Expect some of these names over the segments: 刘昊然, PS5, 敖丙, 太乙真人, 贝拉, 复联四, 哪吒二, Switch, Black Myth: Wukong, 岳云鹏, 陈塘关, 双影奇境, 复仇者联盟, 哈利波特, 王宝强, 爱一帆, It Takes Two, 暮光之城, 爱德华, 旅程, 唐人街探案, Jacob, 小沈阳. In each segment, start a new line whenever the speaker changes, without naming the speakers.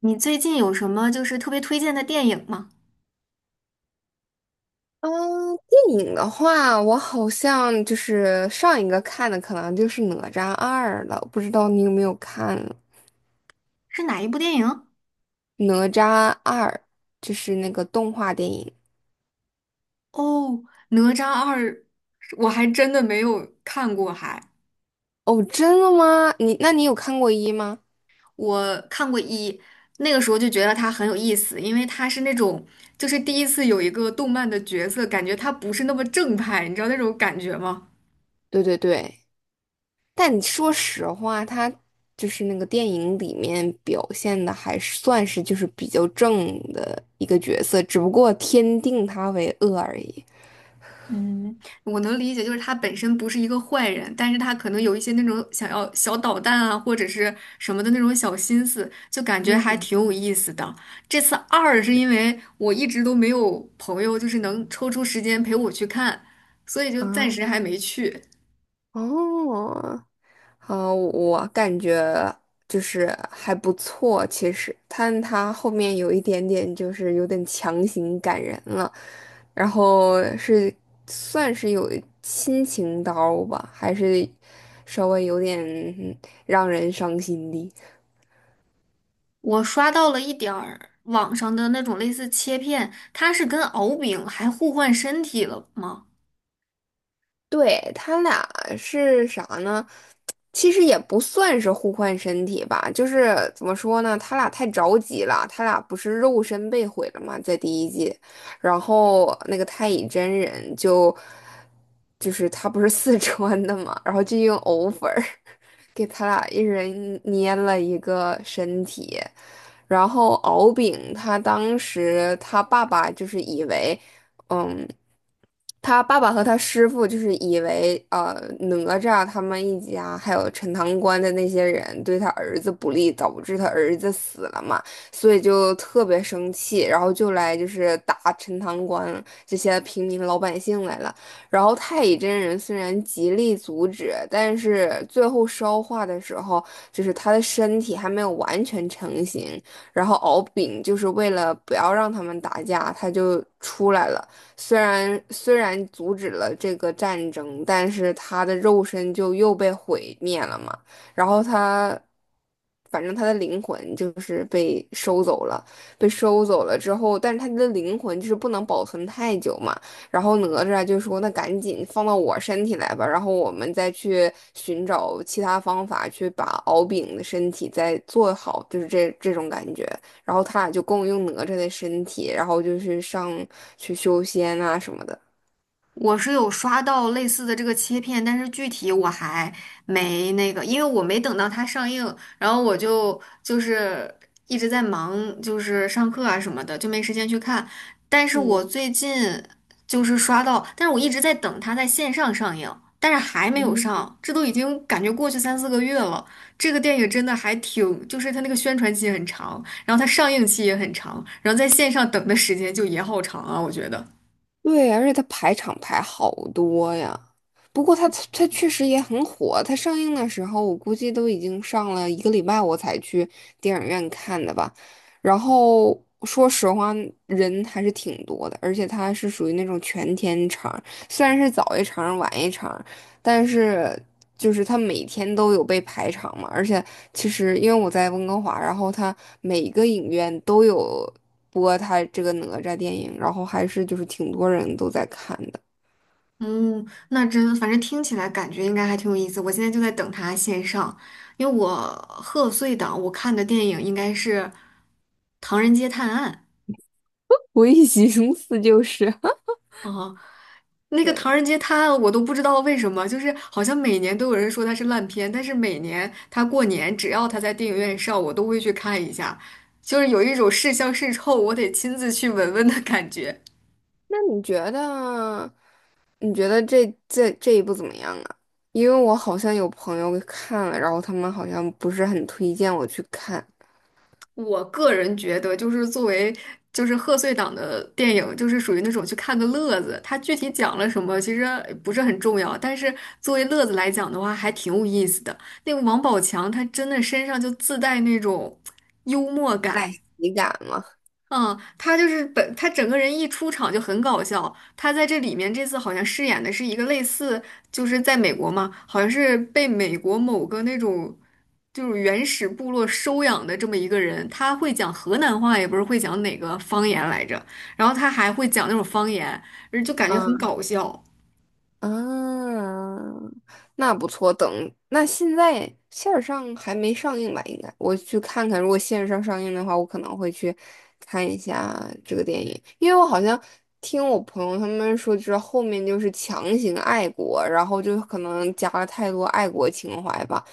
你最近有什么就是特别推荐的电影吗？
嗯，电影的话，我好像就是上一个看的可能就是《哪吒二》了，不知道你有没有看
是哪一部电影？
《哪吒二》，就是那个动画电影。
哦，《哪吒二》，我还真的没有看过还，
哦，真的吗？你那你有看过一吗？
我看过一，那个时候就觉得它很有意思，因为它是那种就是第一次有一个动漫的角色，感觉它不是那么正派，你知道那种感觉吗？
对对对，但你说实话，它就是那个电影里面表现的还是算是就是比较正的一个角色，只不过天定他为恶而已。
嗯，我能理解，就是他本身不是一个坏人，但是他可能有一些那种想要小捣蛋啊，或者是什么的那种小心思，就感觉还挺有意思的。这次二是因为我一直都没有朋友，就是能抽出时间陪我去看，所以就暂时
啊，
还没去。
哦。嗯，我感觉就是还不错，其实，但他后面有一点点就是有点强行感人了，然后是算是有亲情刀吧，还是稍微有点嗯让人伤心的。
我刷到了一点儿网上的那种类似切片，它是跟敖丙还互换身体了吗？
对，他俩是啥呢？其实也不算是互换身体吧，就是怎么说呢？他俩太着急了，他俩不是肉身被毁了嘛，在第一季，然后那个太乙真人就是他不是四川的嘛，然后就用藕粉儿给他俩一人捏了一个身体，然后敖丙他当时他爸爸就是以为。嗯。他爸爸和他师傅就是以为哪吒他们一家还有陈塘关的那些人对他儿子不利，导致他儿子死了嘛，所以就特别生气，然后就来就是打陈塘关这些平民老百姓来了。然后太乙真人虽然极力阻止，但是最后烧化的时候，就是他的身体还没有完全成型，然后敖丙就是为了不要让他们打架，他就出来了。虽然阻止了这个战争，但是他的肉身就又被毁灭了嘛。然后他，反正他的灵魂就是被收走了，被收走了之后，但是他的灵魂就是不能保存太久嘛。然后哪吒就说：“那赶紧放到我身体来吧，然后我们再去寻找其他方法去把敖丙的身体再做好，就是这种感觉。”然后他俩就共用哪吒的身体，然后就是上去修仙啊什么的。
我是有刷到类似的这个切片，但是具体我还没那个，因为我没等到它上映，然后我就一直在忙，就是上课啊什么的，就没时间去看。但是我最近就是刷到，但是我一直在等它在线上上映，但是还没有上，这都已经感觉过去三四个月了。这个电影真的还挺，就是它那个宣传期很长，然后它上映期也很长，然后在线上等的时间就也好长啊，我觉得。
对，而且他排场排好多呀。不过他确实也很火，他上映的时候我估计都已经上了一个礼拜，我才去电影院看的吧。然后说实话，人还是挺多的，而且它是属于那种全天场，虽然是早一场晚一场，但是就是他每天都有被排场嘛，而且其实因为我在温哥华，然后他每个影院都有播他这个哪吒电影，然后还是就是挺多人都在看的。
嗯，那反正听起来感觉应该还挺有意思。我现在就在等它线上，因为我贺岁档我看的电影应该是《唐人街探案》。
我一寻思就是
哦，那个
对，
《唐人街探案》我都不知道为什么，就是好像每年都有人说它是烂片，但是每年它过年只要它在电影院上，我都会去看一下，就是有一种是香是臭，我得亲自去闻闻的感觉。
那你觉得你觉得这一部怎么样啊？因为我好像有朋友看了，然后他们好像不是很推荐我去看，
我个人觉得，就是作为就是贺岁档的电影，就是属于那种去看个乐子。它具体讲了什么，其实不是很重要，但是作为乐子来讲的话，还挺有意思的。那个王宝强，他真的身上就自带那种幽默感，
赖喜感嘛。
嗯，他就是他整个人一出场就很搞笑。他在这里面这次好像饰演的是一个类似，就是在美国嘛，好像是被美国某个那种就是原始部落收养的这么一个人。他会讲河南话，也不是会讲哪个方言来着，然后他还会讲那种方言，就感觉很
嗯
搞笑。
啊，那不错。等那现在线上还没上映吧？应该我去看看。如果线上上映的话，我可能会去看一下这个电影，因为我好像听我朋友他们说，就是后面就是强行爱国，然后就可能加了太多爱国情怀吧，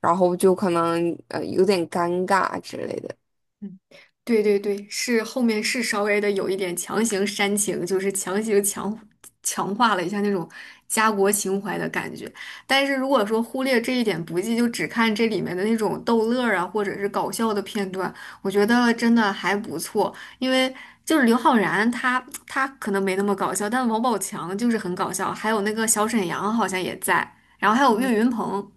然后就可能有点尴尬之类的。
嗯，对对对，后面是稍微的有一点强行煽情，就是强行强化了一下那种家国情怀的感觉。但是如果说忽略这一点不计，就只看这里面的那种逗乐儿啊，或者是搞笑的片段，我觉得真的还不错。因为就是刘昊然他可能没那么搞笑，但王宝强就是很搞笑，还有那个小沈阳好像也在，然后还有
嗯，
岳云鹏。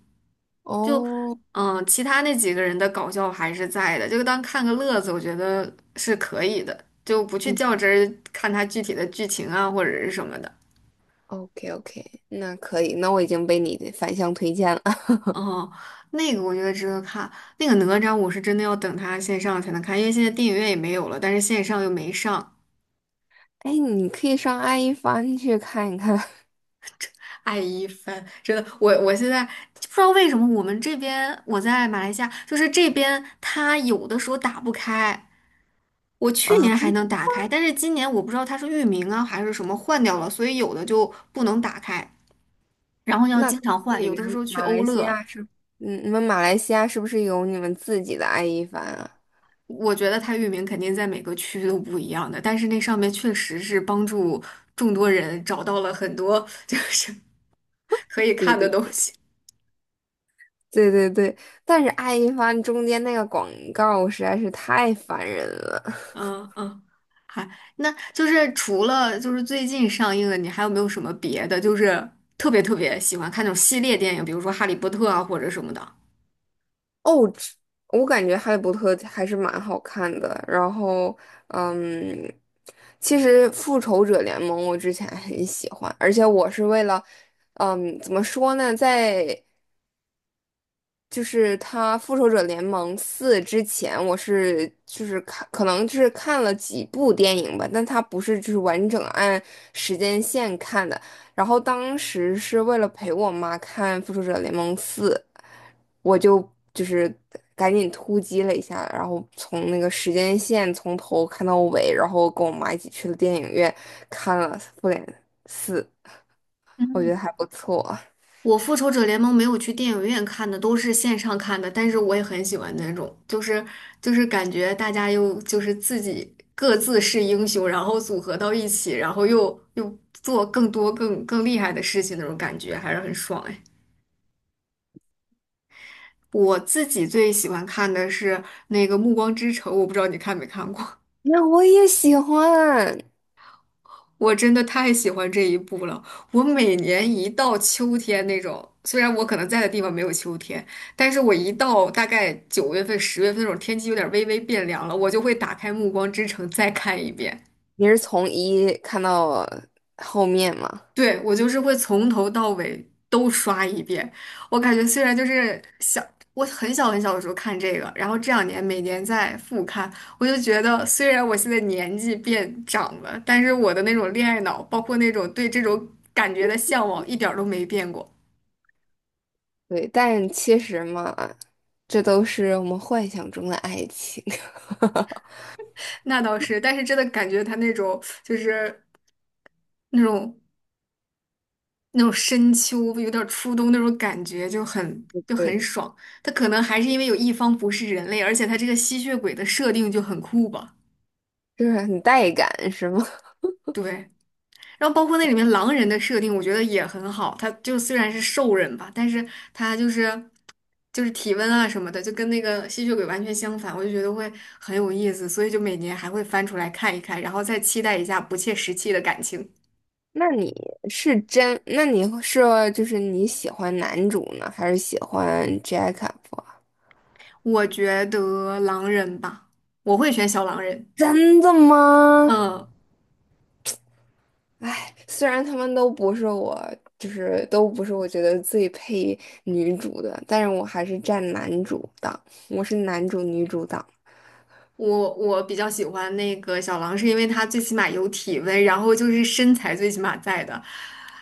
就
哦，
其他那几个人的搞笑还是在的，就当看个乐子，我觉得是可以的，就不去
嗯
较真儿看他具体的剧情啊或者是什么的。
，OK OK，那可以，那我已经被你的反向推荐了。
哦，那个我觉得值得看，那个哪吒我是真的要等他线上才能看，因为现在电影院也没有了，但是线上又没上。
哎，你可以上爱一帆去看一看。
爱一番，真的，我现在不知道为什么我们这边我在马来西亚，就是这边它有的时候打不开。我去
啊。
年还能打开，但是今年我不知道它是域名啊还是什么换掉了，所以有的就不能打开，然后要
那
经
可能
常换。
你
有
们
的时候去
马
欧
来西
乐，
亚是，嗯，你们马来西亚是不是有你们自己的爱一帆啊？
我觉得它域名肯定在每个区都不一样的，但是那上面确实是帮助众多人找到了很多 就是可以
对
看的
对
东
对
西。
对对对，但是爱一帆中间那个广告实在是太烦人了。
嗯嗯，还那就是除了就是最近上映的，你还有没有什么别的？就是特别特别喜欢看那种系列电影，比如说《哈利波特》啊或者什么的。
哦，这我感觉《哈利波特》还是蛮好看的。然后，嗯，其实《复仇者联盟》我之前很喜欢，而且我是为了，嗯，怎么说呢，在就是他《复仇者联盟四》之前，我是就是看，可能就是看了几部电影吧，但它不是就是完整按时间线看的。然后当时是为了陪我妈看《复仇者联盟四》，我就是赶紧突击了一下，然后从那个时间线从头看到尾，然后跟我妈一起去了电影院看了《复联四》，我觉
嗯。
得还不错。
我《复仇者联盟》没有去电影院看的，都是线上看的，但是我也很喜欢那种，就是感觉大家又就是自己各自是英雄，然后组合到一起，然后又做更多更厉害的事情那种感觉，还是很爽哎。我自己最喜欢看的是那个《暮光之城》，我不知道你看没看过。
那我也喜欢。
我真的太喜欢这一部了。我每年一到秋天那种，虽然我可能在的地方没有秋天，但是我一到大概九月份、十月份那种天气有点微微变凉了，我就会打开《暮光之城》再看一遍。
你是从一看到后面嘛？
对，我就是会从头到尾都刷一遍。我感觉虽然就是小，我很小很小的时候看这个，然后这两年每年在复看，我就觉得虽然我现在年纪变长了，但是我的那种恋爱脑，包括那种对这种感觉的向往，一点儿都没变过。
对，但其实嘛，这都是我们幻想中的爱情。
那倒是，但是真的感觉他那种就是那种。那种深秋，有点儿初冬那种感觉，就很 就很
对，
爽。它可能还是因为有一方不是人类，而且它这个吸血鬼的设定就很酷吧？
就是很带感，是吗？
对，然后包括那里面狼人的设定，我觉得也很好。他就虽然是兽人吧，但是他就是体温啊什么的，就跟那个吸血鬼完全相反，我就觉得会很有意思，所以就每年还会翻出来看一看，然后再期待一下不切实际的感情。
那你是真？那你是就是你喜欢男主呢，还是喜欢 Jacob？啊
我觉得狼人吧，我会选小狼人。
真的吗？
嗯。
哎，虽然他们都不是我，就是都不是我觉得最配女主的，但是我还是站男主党，我是男主女主党。
我比较喜欢那个小狼，是因为他最起码有体温，然后就是身材最起码在的。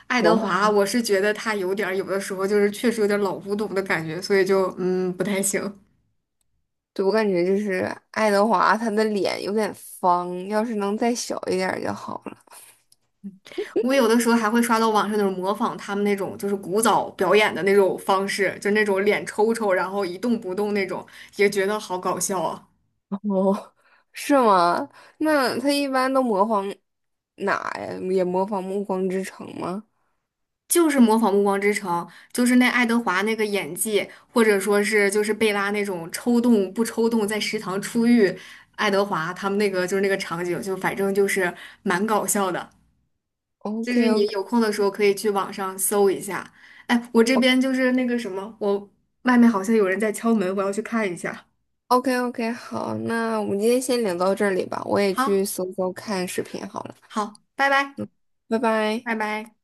爱德
哦
华，我是觉得他有点儿有的时候就是确实有点儿老古董的感觉，所以就不太行。
对，我感觉就是爱德华，他的脸有点方，要是能再小一点儿就好了。
我有的时候还会刷到网上那种模仿他们那种就是古早表演的那种方式，就那种脸抽抽，然后一动不动那种，也觉得好搞笑啊。
哦，是吗？那他一般都模仿哪呀？也模仿《暮光之城》吗
就是模仿《暮光之城》，就是那爱德华那个演技，或者说是就是贝拉那种抽动不抽动，在食堂出狱，爱德华他们那个就是那个场景，就反正就是蛮搞笑的。就
？OK
是你
OK
有空的时候可以去网上搜一下。哎，我这边就是那个什么，我外面好像有人在敲门，我要去看一下。
OK OK，好，那我们今天先聊到这里吧，我也
好，
去搜搜看视频好了，
好，拜拜，
拜拜。
拜拜。